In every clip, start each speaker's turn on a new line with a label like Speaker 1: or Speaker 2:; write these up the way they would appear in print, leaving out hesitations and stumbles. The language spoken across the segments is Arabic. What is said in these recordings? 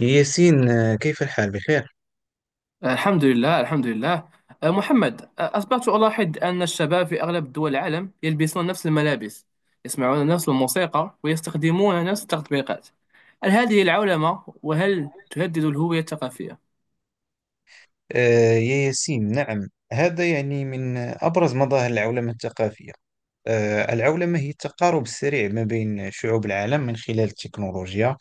Speaker 1: يا ياسين، كيف الحال بخير؟
Speaker 2: الحمد لله الحمد لله. محمد، أصبحت ألاحظ أن الشباب في أغلب دول العالم يلبسون نفس الملابس، يسمعون نفس الموسيقى ويستخدمون نفس التطبيقات. هل هذه العولمة وهل تهدد الهوية الثقافية؟
Speaker 1: يا ياسين، نعم. هذا من أبرز مظاهر العولمة الثقافية. العولمة هي التقارب السريع ما بين شعوب العالم من خلال التكنولوجيا،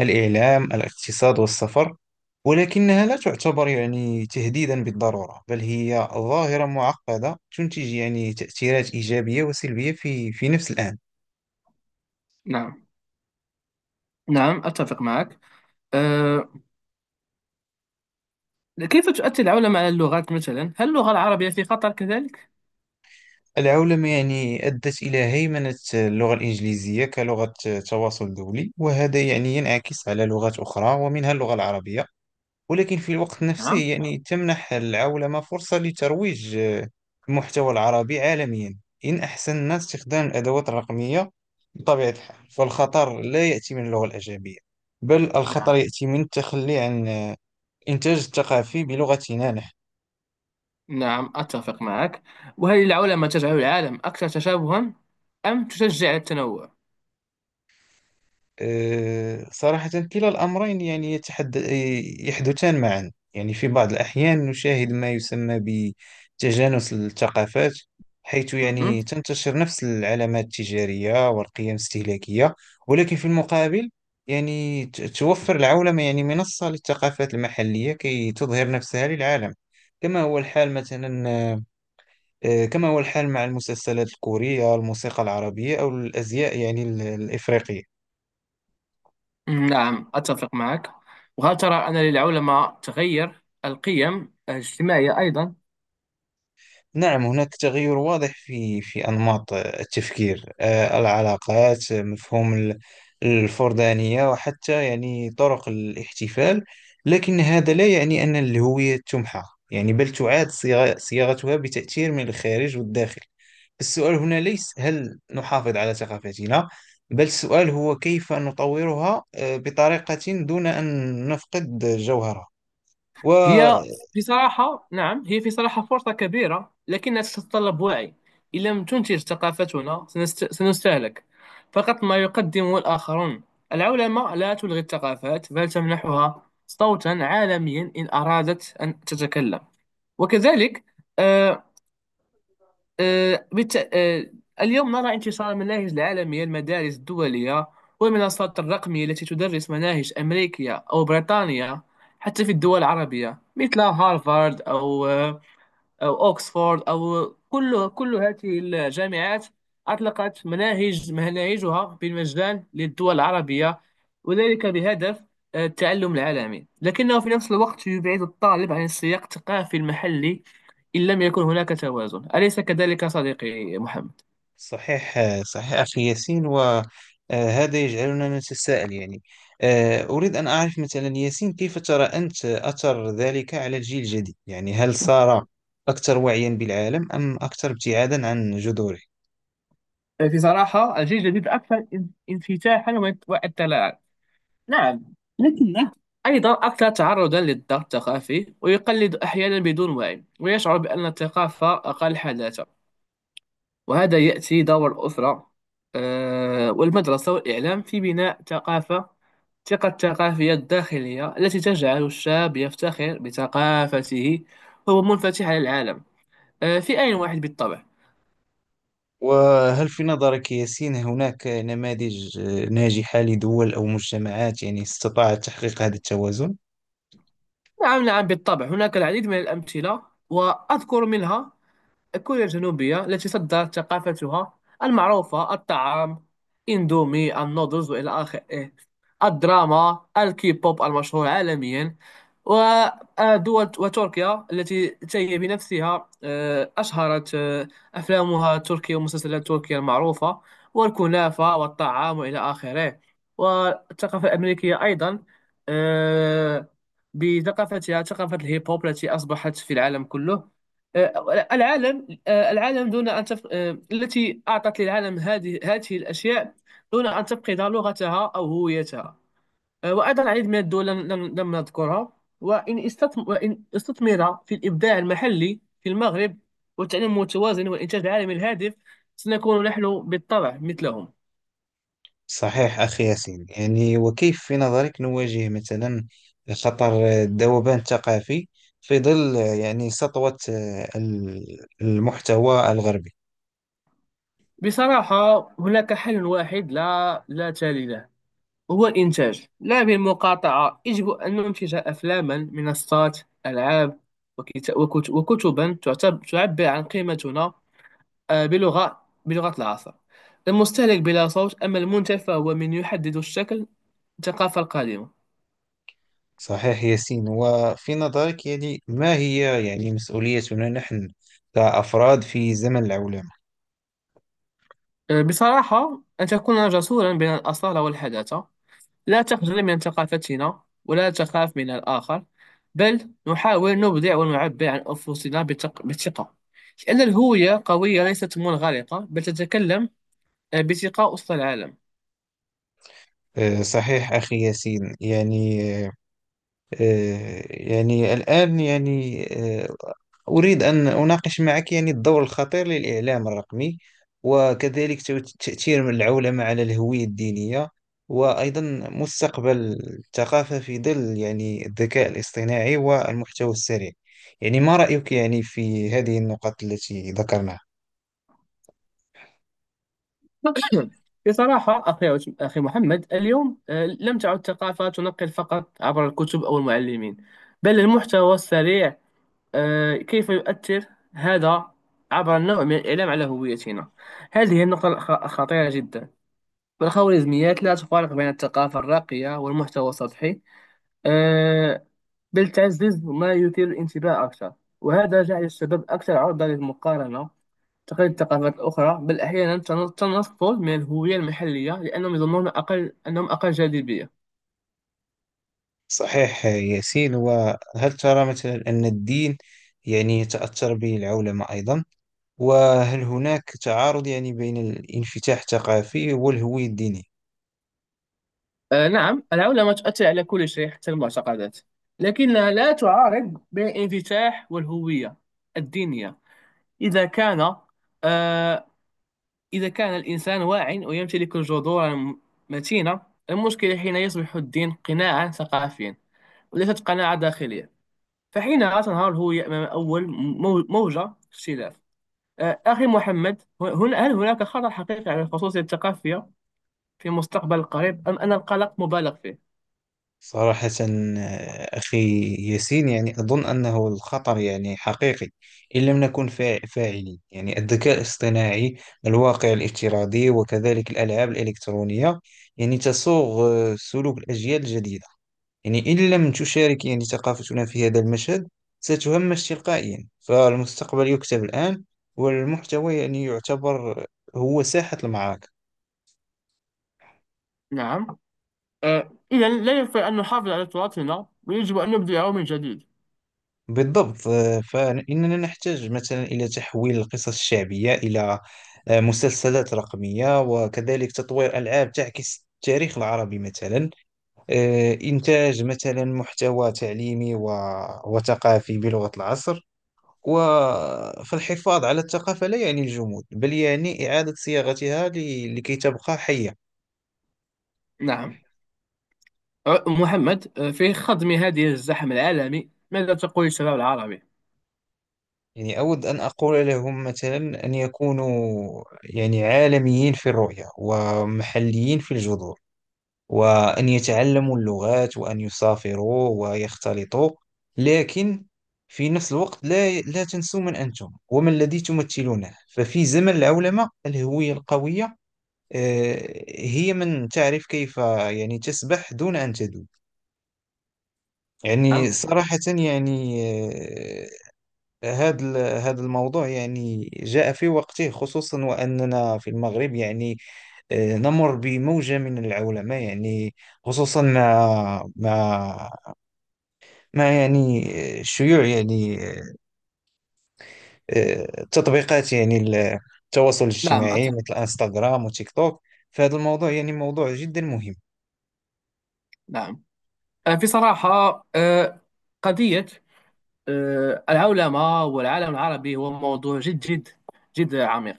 Speaker 1: الإعلام، الاقتصاد والسفر. ولكنها لا تعتبر تهديدا بالضرورة، بل هي ظاهرة معقدة تنتج تأثيرات إيجابية وسلبية في نفس الآن.
Speaker 2: نعم، نعم أتفق معك. أه كيف تؤثر العولمة على اللغات مثلا؟ هل اللغة العربية في خطر كذلك؟
Speaker 1: العولمة أدت إلى هيمنة اللغة الإنجليزية كلغة تواصل دولي، وهذا ينعكس على لغات أخرى ومنها اللغة العربية. ولكن في الوقت نفسه،
Speaker 2: نعم.
Speaker 1: تمنح العولمة فرصة لترويج المحتوى العربي عالميا، إن أحسننا استخدام الأدوات الرقمية. بطبيعة الحال، فالخطر لا يأتي من اللغة الأجنبية، بل الخطر
Speaker 2: نعم
Speaker 1: يأتي من التخلي عن الإنتاج الثقافي بلغتنا نحن.
Speaker 2: نعم أتفق معك. وهل العولمة تجعل العالم أكثر تشابها أم تشجع على التنوع؟
Speaker 1: صراحة، كلا الأمرين يحدثان معا. في بعض الأحيان نشاهد ما يسمى بتجانس الثقافات، حيث
Speaker 2: مهم.
Speaker 1: تنتشر نفس العلامات التجارية والقيم الاستهلاكية. ولكن في المقابل، توفر العولمة منصة للثقافات المحلية كي تظهر نفسها للعالم. كما هو الحال مثلا كما هو الحال مع المسلسلات الكورية، الموسيقى العربية، أو الأزياء الإفريقية.
Speaker 2: نعم أتفق معك. وهل ترى أن للعلماء تغير القيم الاجتماعية أيضا؟
Speaker 1: نعم، هناك تغير واضح في أنماط التفكير، العلاقات، مفهوم الفردانية، وحتى طرق الاحتفال. لكن هذا لا يعني أن الهوية تمحى، بل تعاد صياغتها بتأثير من الخارج والداخل. السؤال هنا ليس هل نحافظ على ثقافتنا، بل السؤال هو كيف نطورها بطريقة دون أن نفقد
Speaker 2: هي
Speaker 1: جوهرها.
Speaker 2: في صراحة، نعم، هي في صراحة فرصة كبيرة لكنها تتطلب وعي. إن لم تنتج ثقافتنا سنستهلك فقط ما يقدمه الآخرون. العلماء لا تلغي الثقافات بل تمنحها صوتا عالميا إن أرادت أن تتكلم. وكذلك، آه، آه، بت... آه، اليوم نرى انتشار المناهج العالمية، المدارس الدولية والمنصات الرقمية التي تدرس مناهج أمريكية أو بريطانية حتى في الدول العربية، مثل هارفارد، أو أو أوكسفورد أو كل هذه الجامعات أطلقت مناهجها بالمجان للدول العربية، وذلك بهدف التعلم العالمي. لكنه في نفس الوقت يبعد الطالب عن السياق الثقافي المحلي إن لم يكن هناك توازن، أليس كذلك صديقي محمد؟
Speaker 1: صحيح، صحيح أخي ياسين. وهذا يجعلنا نتساءل، أريد أن أعرف مثلا ياسين، كيف ترى أنت أثر ذلك على الجيل الجديد. هل صار أكثر وعيا بالعالم أم أكثر ابتعادا عن جذوره؟
Speaker 2: في صراحة الجيل الجديد أكثر انفتاحا واطلاعا. نعم. أيضا أكثر تعرضا للضغط الثقافي ويقلد أحيانا بدون وعي ويشعر بأن الثقافة أقل حداثة. وهذا يأتي دور الأسرة والمدرسة والإعلام في بناء ثقافة ثقة الثقافية الداخلية التي تجعل الشاب يفتخر بثقافته وهو منفتح على العالم في آن واحد بالطبع.
Speaker 1: وهل في نظرك ياسين هناك نماذج ناجحة لدول أو مجتمعات استطاعت تحقيق هذا التوازن؟
Speaker 2: نعم، نعم بالطبع هناك العديد من الأمثلة. وأذكر منها كوريا الجنوبية التي صدرت ثقافتها المعروفة: الطعام، إندومي، النودلز وإلى آخره، الدراما، الكيبوب المشهور عالميا، ودول، وتركيا التي هي بنفسها أشهرت أفلامها التركية ومسلسلات تركيا المعروفة والكنافة والطعام وإلى آخره. والثقافة الأمريكية أيضا آه، بثقافتها، ثقافة الهيب هوب التي أصبحت في العالم كله، آه، العالم آه، العالم دون أن تف... آه، التي أعطت للعالم هذه الأشياء دون أن تفقد لغتها أو هويتها. وأيضا العديد من الدول لم نذكرها، وإن استثمر في الإبداع المحلي في المغرب والتعليم المتوازن والإنتاج العالمي الهادف، سنكون نحن بالطبع مثلهم.
Speaker 1: صحيح أخي ياسين. وكيف في نظرك نواجه مثلا خطر الذوبان الثقافي، في ظل سطوة المحتوى الغربي.
Speaker 2: بصراحة هناك حل واحد لا لا تالي له، هو الإنتاج لا بالمقاطعة. يجب أن ننتج أفلاما، منصات، ألعاب وكتبا تعبر عن قيمتنا بلغة العصر. المستهلك بلا صوت، أما المنتج فهو من يحدد الشكل، الثقافة القادمة.
Speaker 1: صحيح ياسين. وفي نظرك، ما هي مسؤوليتنا نحن كأفراد في زمن العولمة؟
Speaker 2: بصراحة أن تكون جسورا بين الأصالة والحداثة، لا تخجل من ثقافتنا ولا تخاف من الآخر، بل نحاول نبدع ونعبر عن أنفسنا بثقة، لأن الهوية قوية ليست منغلقة بل تتكلم بثقة وسط العالم.
Speaker 1: صحيح أخي ياسين. يعني أه، يعني الآن آه، أريد أن أناقش معك الدور الخطير للإعلام الرقمي، وكذلك تأثير العولمة على الهوية الدينية، وأيضا مستقبل الثقافة في ظل الذكاء الاصطناعي والمحتوى السريع. ما رأيك في هذه النقط التي ذكرناها؟
Speaker 2: بصراحة أخي محمد، اليوم لم تعد الثقافة تنقل فقط عبر الكتب أو المعلمين، بل المحتوى السريع. كيف يؤثر هذا عبر النوع من الإعلام على هويتنا؟ هذه النقطة خطيرة جدا. والخوارزميات لا تفارق بين الثقافة الراقية والمحتوى السطحي، آه، بل تعزز ما يثير الانتباه أكثر. وهذا جعل الشباب أكثر عرضة للمقارنة، تقليد الثقافات الأخرى، بل أحيانا تنصل من الهوية المحلية لأنهم يظنون أقل أنهم أقل جاذبية.
Speaker 1: صحيح ياسين. وهل ترى مثلا أن الدين تأثر به العولمة أيضا؟ وهل هناك تعارض بين الانفتاح الثقافي والهوية الدينية؟
Speaker 2: نعم، العولمة تؤثر على كل شيء حتى المعتقدات. لكنها لا تعارض بين الانفتاح والهوية الدينية إذا كان آه، إذا كان الإنسان واعٍ ويمتلك جذورا متينة. المشكلة حين يصبح الدين قناعا ثقافيا وليست قناعة داخلية، فحينها تنهار الهوية أمام أول موجة اختلاف. أخي محمد، هنا هل هناك خطر حقيقي على الخصوصية الثقافية في المستقبل القريب أم أن القلق مبالغ فيه؟
Speaker 1: صراحة، أخي ياسين، أظن أنه الخطر حقيقي إن لم نكن فاعلين. الذكاء الاصطناعي، الواقع الافتراضي، وكذلك الألعاب الإلكترونية تسوغ سلوك الأجيال الجديدة. إن لم تشارك ثقافتنا في هذا المشهد، ستهمش تلقائيا. فالمستقبل يكتب الآن، والمحتوى يعتبر هو ساحة المعركة.
Speaker 2: نعم. إذا لا يكفي أن نحافظ على تراثنا ويجب أن نبدأه من جديد.
Speaker 1: بالضبط. فإننا نحتاج مثلا إلى تحويل القصص الشعبية إلى مسلسلات رقمية، وكذلك تطوير ألعاب تعكس التاريخ العربي مثلا، إنتاج مثلا محتوى تعليمي وثقافي بلغة العصر و... فالحفاظ على الثقافة لا يعني الجمود، بل يعني إعادة صياغتها لكي تبقى حية.
Speaker 2: نعم. محمد، في خضم هذه الزحم العالمي ماذا تقول الشباب العربي؟
Speaker 1: أود أن أقول لهم مثلا أن يكونوا عالميين في الرؤية ومحليين في الجذور، وأن يتعلموا اللغات وأن يسافروا ويختلطوا. لكن في نفس الوقت، لا لا تنسوا من أنتم ومن الذي تمثلونه. ففي زمن العولمة، الهوية القوية هي من تعرف كيف تسبح دون أن تدوب.
Speaker 2: نعم،
Speaker 1: صراحة، آه، هذا ال- هذا الموضوع جاء في وقته، خصوصا وأننا في المغرب، نمر بموجة من العولمة، خصوصا مع شيوع تطبيقات التواصل
Speaker 2: نعم
Speaker 1: الاجتماعي،
Speaker 2: أتفق.
Speaker 1: مثل انستغرام وتيك توك. فهذا الموضوع موضوع جدا مهم.
Speaker 2: نعم، أنا في صراحة آه، قضية العولمة والعالم العربي هو موضوع جد جد جد عميق.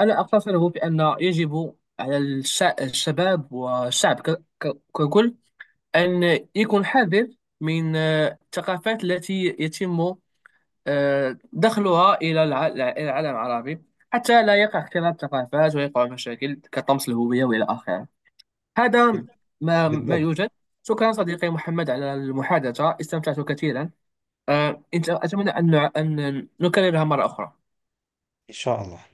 Speaker 2: أنا أقتصره بأن يجب على الشباب والشعب ككل أن يكون حذر من الثقافات التي يتم دخلها إلى إلى العالم العربي حتى لا يقع اختلاط ثقافات ويقع مشاكل كطمس الهوية وإلى آخره. هذا ما
Speaker 1: بالضبط،
Speaker 2: يوجد. شكرا صديقي محمد على المحادثة، استمتعت كثيرا. أتمنى أن نكررها مرة أخرى.
Speaker 1: إن شاء الله.